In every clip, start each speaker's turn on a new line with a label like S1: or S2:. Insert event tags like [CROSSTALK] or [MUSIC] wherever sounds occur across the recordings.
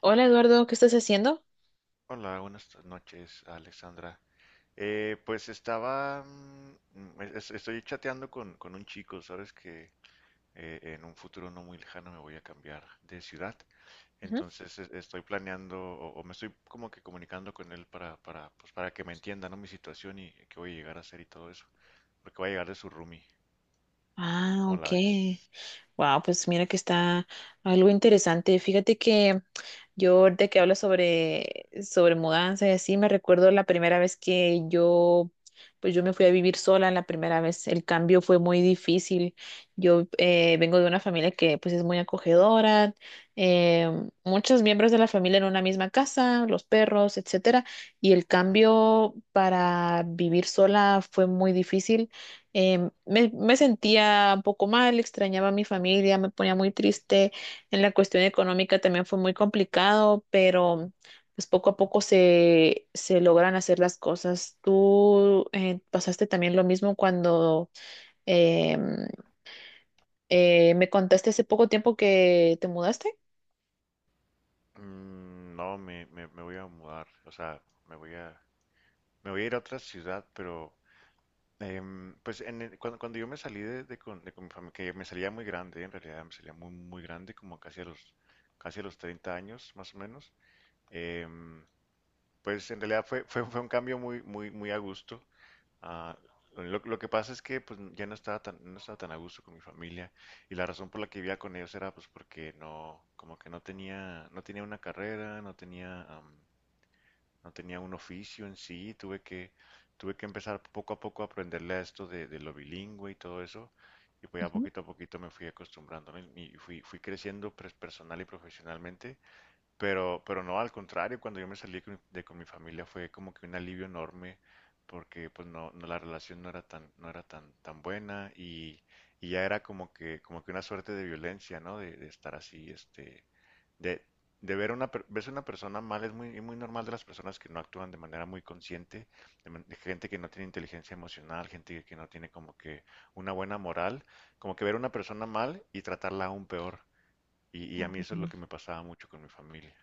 S1: Hola Eduardo, ¿qué estás haciendo?
S2: Hola, buenas noches, Alexandra. Pues estaba, estoy chateando con un chico, sabes que en un futuro no muy lejano me voy a cambiar de ciudad,
S1: Ujú.
S2: entonces estoy planeando o me estoy como que comunicando con él pues para que me entienda, ¿no? Mi situación y qué voy a llegar a hacer y todo eso, porque voy a llegar de su roomie,
S1: Ah,
S2: ¿cómo
S1: ok.
S2: la ves?
S1: Wow, pues mira que está algo interesante. Fíjate que yo ahorita que hablo sobre mudanza y así, me recuerdo la primera vez que yo, pues yo me fui a vivir sola la primera vez. El cambio fue muy difícil. Yo vengo de una familia que pues es muy acogedora, eh, muchos miembros de la familia en una misma casa, los perros, etcétera. Y el
S2: Ujú.
S1: cambio para vivir sola fue muy difícil me sentía un poco mal, extrañaba a mi familia, me ponía muy triste. En la cuestión económica también fue muy complicado, pero pues poco a poco se logran hacer las cosas. ¿Tú pasaste también lo mismo cuando em, me contaste hace poco tiempo que te mudaste?
S2: No, me voy a mudar, o sea, me voy a, me voy a ir a otra ciudad, pero pues en cuando, cuando yo me salí de con mi familia, que me salía muy grande, en realidad me salía muy grande, como casi a los 30 años, más o menos, em, pues en realidad fue un cambio muy a gusto. Ah, lo que pasa es que pues ya no estaba tan, no estaba tan a gusto con mi familia y la razón por la que vivía con ellos era pues porque no, como que no tenía, no tenía una carrera, no tenía, no tenía un oficio en sí, tuve que empezar poco a poco a aprenderle a esto de lo bilingüe y todo eso, y pues ya poquito a poquito me fui acostumbrando, ¿no? Y fui, fui creciendo pues, personal y profesionalmente, pero no, al contrario, cuando yo me salí de con mi familia fue como que un alivio enorme, porque pues no, no, la relación no era tan, no era tan, tan buena y ya era como que una suerte de violencia, ¿no? De estar así, este de, de ver una, ves una persona mal es muy, muy normal de las personas que no actúan de manera muy consciente, de de gente que no tiene inteligencia emocional, gente que no tiene como que una buena moral, como que ver una persona mal y tratarla aún peor. Y a mí eso es lo
S1: Ujú.
S2: que me pasaba mucho con mi familia.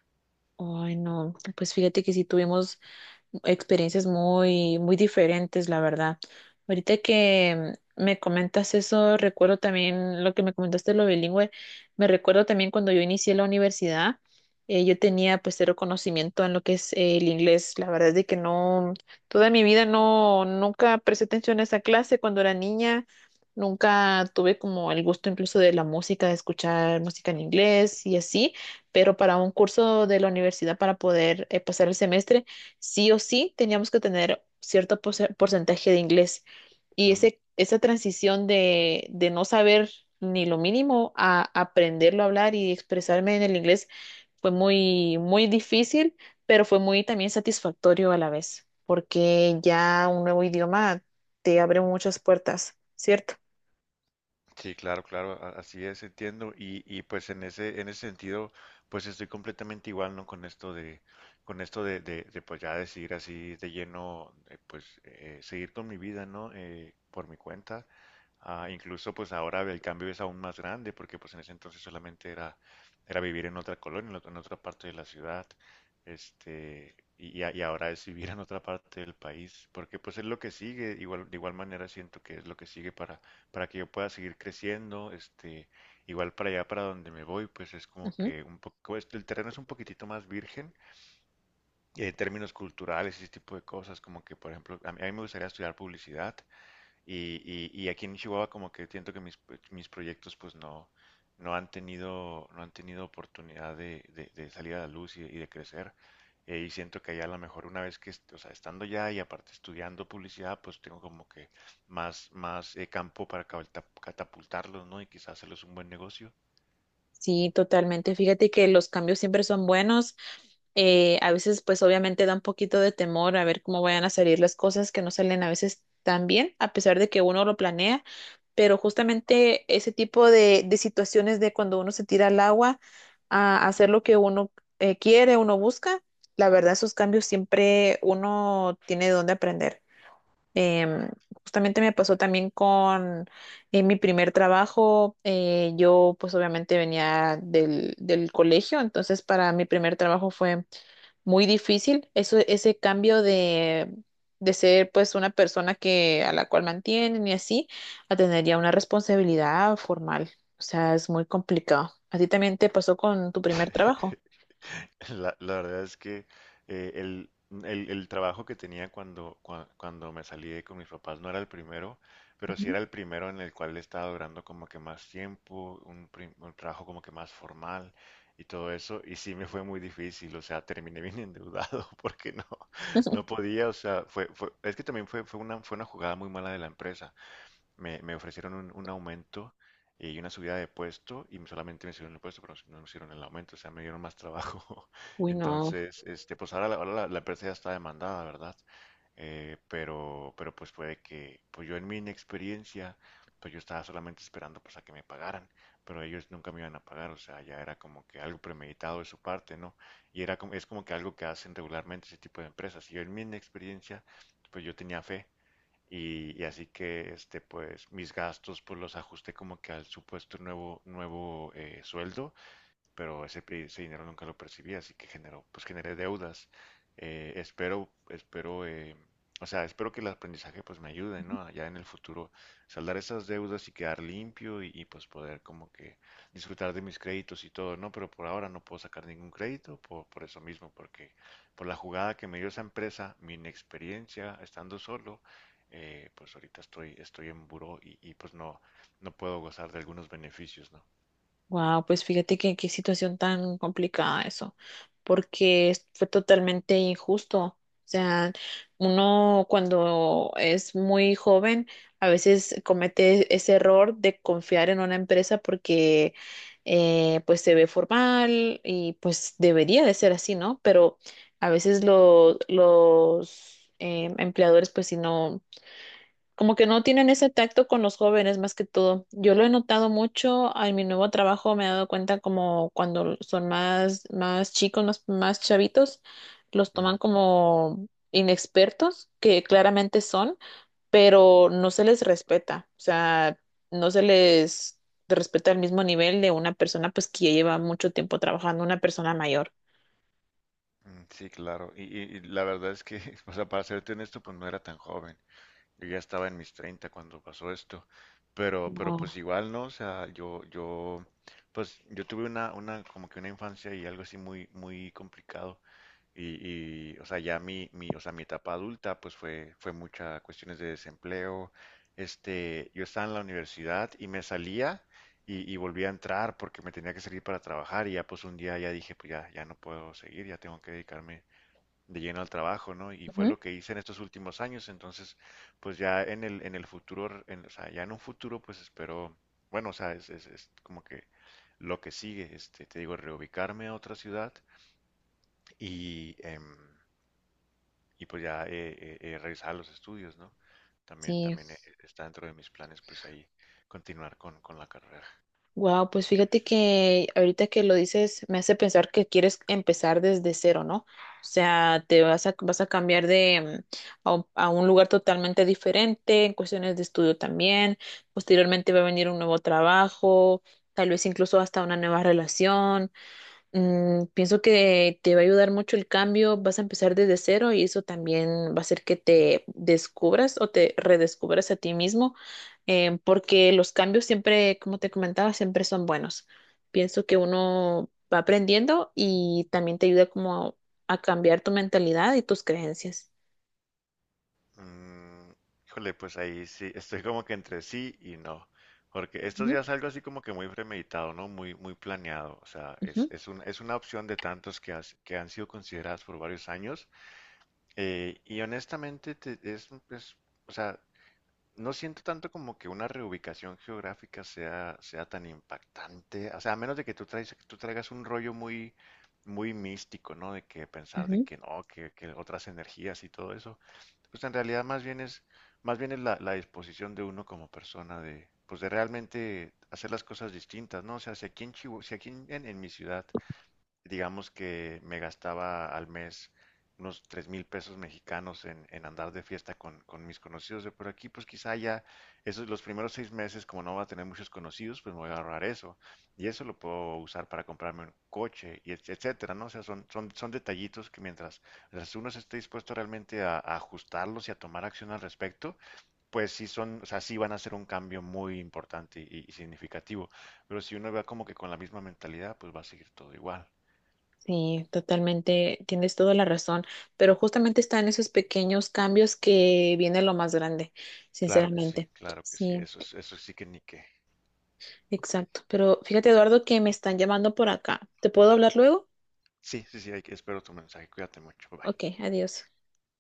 S1: Ay, no, pues fíjate que sí tuvimos experiencias muy, muy diferentes, la verdad. Ahorita que me comentas eso, recuerdo también lo que me comentaste de lo bilingüe, me recuerdo también cuando yo inicié la universidad. Yo tenía pues cero conocimiento en lo que es el inglés. La verdad es de que no, toda mi vida no, nunca presté atención a esa clase cuando era niña. Nunca tuve como el gusto incluso de la música, de escuchar música en inglés y así, pero para un curso de la universidad, para poder pasar el semestre, sí o sí teníamos que tener cierto porcentaje de inglés. Y esa transición de no saber ni lo mínimo a aprenderlo a hablar y expresarme en el inglés fue muy, muy difícil, pero fue muy también satisfactorio a la vez, porque ya un nuevo idioma te abre muchas puertas, ¿cierto?
S2: Sí, claro, claro, así es, entiendo. Y pues en ese sentido, pues estoy completamente igual, ¿no? Con esto de, con esto de, pues ya decidir así de lleno, pues seguir con mi vida, ¿no? Por mi cuenta. Incluso pues ahora el cambio es aún más grande, porque pues en ese entonces solamente era, era vivir en otra colonia, en otra parte de la ciudad. Este, y y ahora es vivir en otra parte del país, porque pues es lo que sigue, igual, de igual manera siento que es lo que sigue para que yo pueda seguir creciendo, este, igual para allá, para donde me voy, pues es como que un poco, este, el terreno es un poquitito más virgen en términos culturales, y ese tipo de cosas, como que, por ejemplo, a mí me gustaría estudiar publicidad, y, y aquí en Chihuahua como que siento que mis, pues, mis proyectos pues no, no han tenido, no han tenido oportunidad de, de salir a la luz y de crecer. Y siento que allá a lo mejor una vez que, o sea, estando ya y aparte estudiando publicidad, pues tengo como que más, más campo para catapultarlos, ¿no? Y quizás hacerles un buen negocio.
S1: Sí, totalmente. Fíjate que los cambios siempre son buenos. A veces, pues obviamente da un poquito de temor a ver cómo vayan a salir las cosas, que no salen a veces tan bien, a pesar de que uno lo planea, pero justamente ese tipo de situaciones de cuando uno se tira al agua a hacer lo que uno quiere, uno busca, la verdad, esos cambios siempre uno tiene de dónde aprender. Em, Justamente me pasó también con mi primer trabajo. Yo pues obviamente venía del colegio, entonces para mi primer trabajo fue muy difícil. Eso, ese cambio de ser pues una persona que, a la cual mantienen y así, a tener ya una responsabilidad formal. O sea, es muy complicado. ¿A ti también te pasó con tu
S2: [LAUGHS]
S1: primer trabajo?
S2: [LAUGHS] La verdad es que eh, el, el trabajo que tenía cuando, cuando me salí de con mis papás no era el primero, pero sí
S1: Ujú.
S2: era el primero en el cual estaba durando como que más tiempo, un, un trabajo como que más formal y todo eso, y sí me fue muy difícil, o sea, terminé bien endeudado [LAUGHS] porque no, no
S1: [LAUGHS]
S2: podía, o sea, fue, fue, es que también fue, fue una jugada muy mala de la empresa me ofrecieron un aumento y una subida de puesto y solamente me hicieron el puesto, pero no me hicieron el aumento, o sea, me dieron más trabajo. [LAUGHS]
S1: Uy, no.
S2: Entonces, este, pues ahora la, la empresa ya está demandada, ¿verdad? Pero pues puede que, pues yo en mi inexperiencia, pues yo estaba solamente esperando pues a que me pagaran, pero ellos nunca me iban a pagar, o sea, ya era como que algo premeditado de su parte, ¿no? Y era como, es como que algo que hacen regularmente ese tipo de empresas. Y yo en mi inexperiencia, pues yo tenía fe y así que este, pues mis gastos pues los ajusté como que al supuesto nuevo, nuevo sueldo pero ese, ese dinero nunca lo percibí, así que generó, pues generé deudas. Espero, o sea, espero que el aprendizaje pues me ayude, ¿no? Ya en el futuro saldar esas deudas y quedar limpio y, pues poder como que disfrutar de mis créditos y todo, ¿no? Pero por ahora no puedo sacar ningún crédito por eso mismo, porque por la jugada que me dio esa empresa, mi inexperiencia estando solo, pues ahorita estoy, estoy en buró y pues no, no puedo gozar de algunos beneficios, ¿no?
S1: Wow, pues fíjate que qué situación tan complicada eso, porque fue totalmente injusto. O sea, uno cuando es muy joven a veces comete ese error de confiar en una empresa porque pues se ve formal y pues debería de ser así, ¿no? Pero a veces los empleadores pues si no, como que no tienen ese tacto con los jóvenes más que todo. Yo lo he notado mucho en mi nuevo trabajo, me he dado cuenta como cuando son más, más chicos, más, más chavitos, los toman como inexpertos, que claramente son, pero no se les respeta, o sea, no se les respeta al mismo nivel de una persona pues que ya lleva mucho tiempo trabajando, una persona mayor.
S2: Sí, claro. Y, y la verdad es que, [LAUGHS] o sea, para serte honesto, pues no era tan joven. Yo ya estaba en mis 30 cuando pasó esto. Pero
S1: Oh,
S2: pues igual, ¿no? O sea, yo, pues yo tuve una, como que una infancia y algo así muy, muy complicado. Y, o sea, ya mi, o sea, mi etapa adulta, pues fue, fue muchas cuestiones de desempleo. Este, yo estaba en la universidad y me salía y volví a entrar porque me tenía que salir para trabajar y ya pues un día ya dije, pues ya, ya no puedo seguir, ya tengo que dedicarme de lleno al trabajo, ¿no? Y fue
S1: ujú,
S2: lo que hice en estos últimos años, entonces, pues ya en el futuro, en, o sea, ya en un futuro, pues espero, bueno, o sea, es como que lo que sigue, este, te digo, reubicarme a otra ciudad y, y pues ya regresar a los estudios, ¿no? También,
S1: sí.
S2: también está dentro de mis planes, pues ahí continuar con la carrera.
S1: Wow, pues fíjate que ahorita que lo dices me hace pensar que quieres empezar desde cero, ¿no? O sea, te vas a, vas a cambiar de a un lugar totalmente diferente, en cuestiones de estudio también. Posteriormente va a venir un nuevo trabajo, tal vez incluso hasta una nueva relación. Mm, pienso que te va a ayudar mucho el cambio, vas a empezar desde cero y eso también va a hacer que te descubras o te redescubras a ti mismo, porque los cambios siempre, como te comentaba, siempre son buenos. Pienso que uno va aprendiendo y también te ayuda como a cambiar tu mentalidad y tus creencias.
S2: Mm, híjole, pues ahí sí, estoy como que entre sí y no, porque estos
S1: Ujú,
S2: días algo así como que muy premeditado, ¿no? Muy, muy planeado, o sea,
S1: ujú,
S2: es es una opción de tantos que, que han sido consideradas por varios años, y honestamente es, o sea, no siento tanto como que una reubicación geográfica sea, sea tan impactante, o sea, a menos de que tú, traes, tú traigas un rollo muy, muy místico, ¿no? De que pensar de
S1: ujú.
S2: que no, que otras energías y todo eso, pues en realidad más bien es la, la disposición de uno como persona de, pues de realmente hacer las cosas distintas, ¿no? O sea, si aquí en si aquí en mi ciudad digamos que me gastaba al mes unos 3000 pesos mexicanos en andar de fiesta con mis conocidos de por aquí, pues quizá ya esos los primeros 6 meses, como no va a tener muchos conocidos, pues me voy a ahorrar eso. Y eso lo puedo usar para comprarme un coche, y etcétera, ¿no? O sea, son, son, son detallitos que mientras, mientras uno se esté dispuesto realmente a ajustarlos y a tomar acción al respecto, pues sí son, o sea, sí van a ser un cambio muy importante y significativo. Pero si uno va como que con la misma mentalidad, pues va a seguir todo igual.
S1: Sí, totalmente, tienes toda la razón, pero justamente está en esos pequeños cambios que viene lo más grande,
S2: Claro que sí,
S1: sinceramente.
S2: claro que sí.
S1: Sí.
S2: Eso es, eso sí que ni qué.
S1: Exacto. Pero fíjate, Eduardo, que me están llamando por acá. ¿Te puedo hablar luego?
S2: Sí, sí, sí, hay que, espero tu mensaje. Cuídate mucho. Bye. Bye.
S1: Ok, adiós.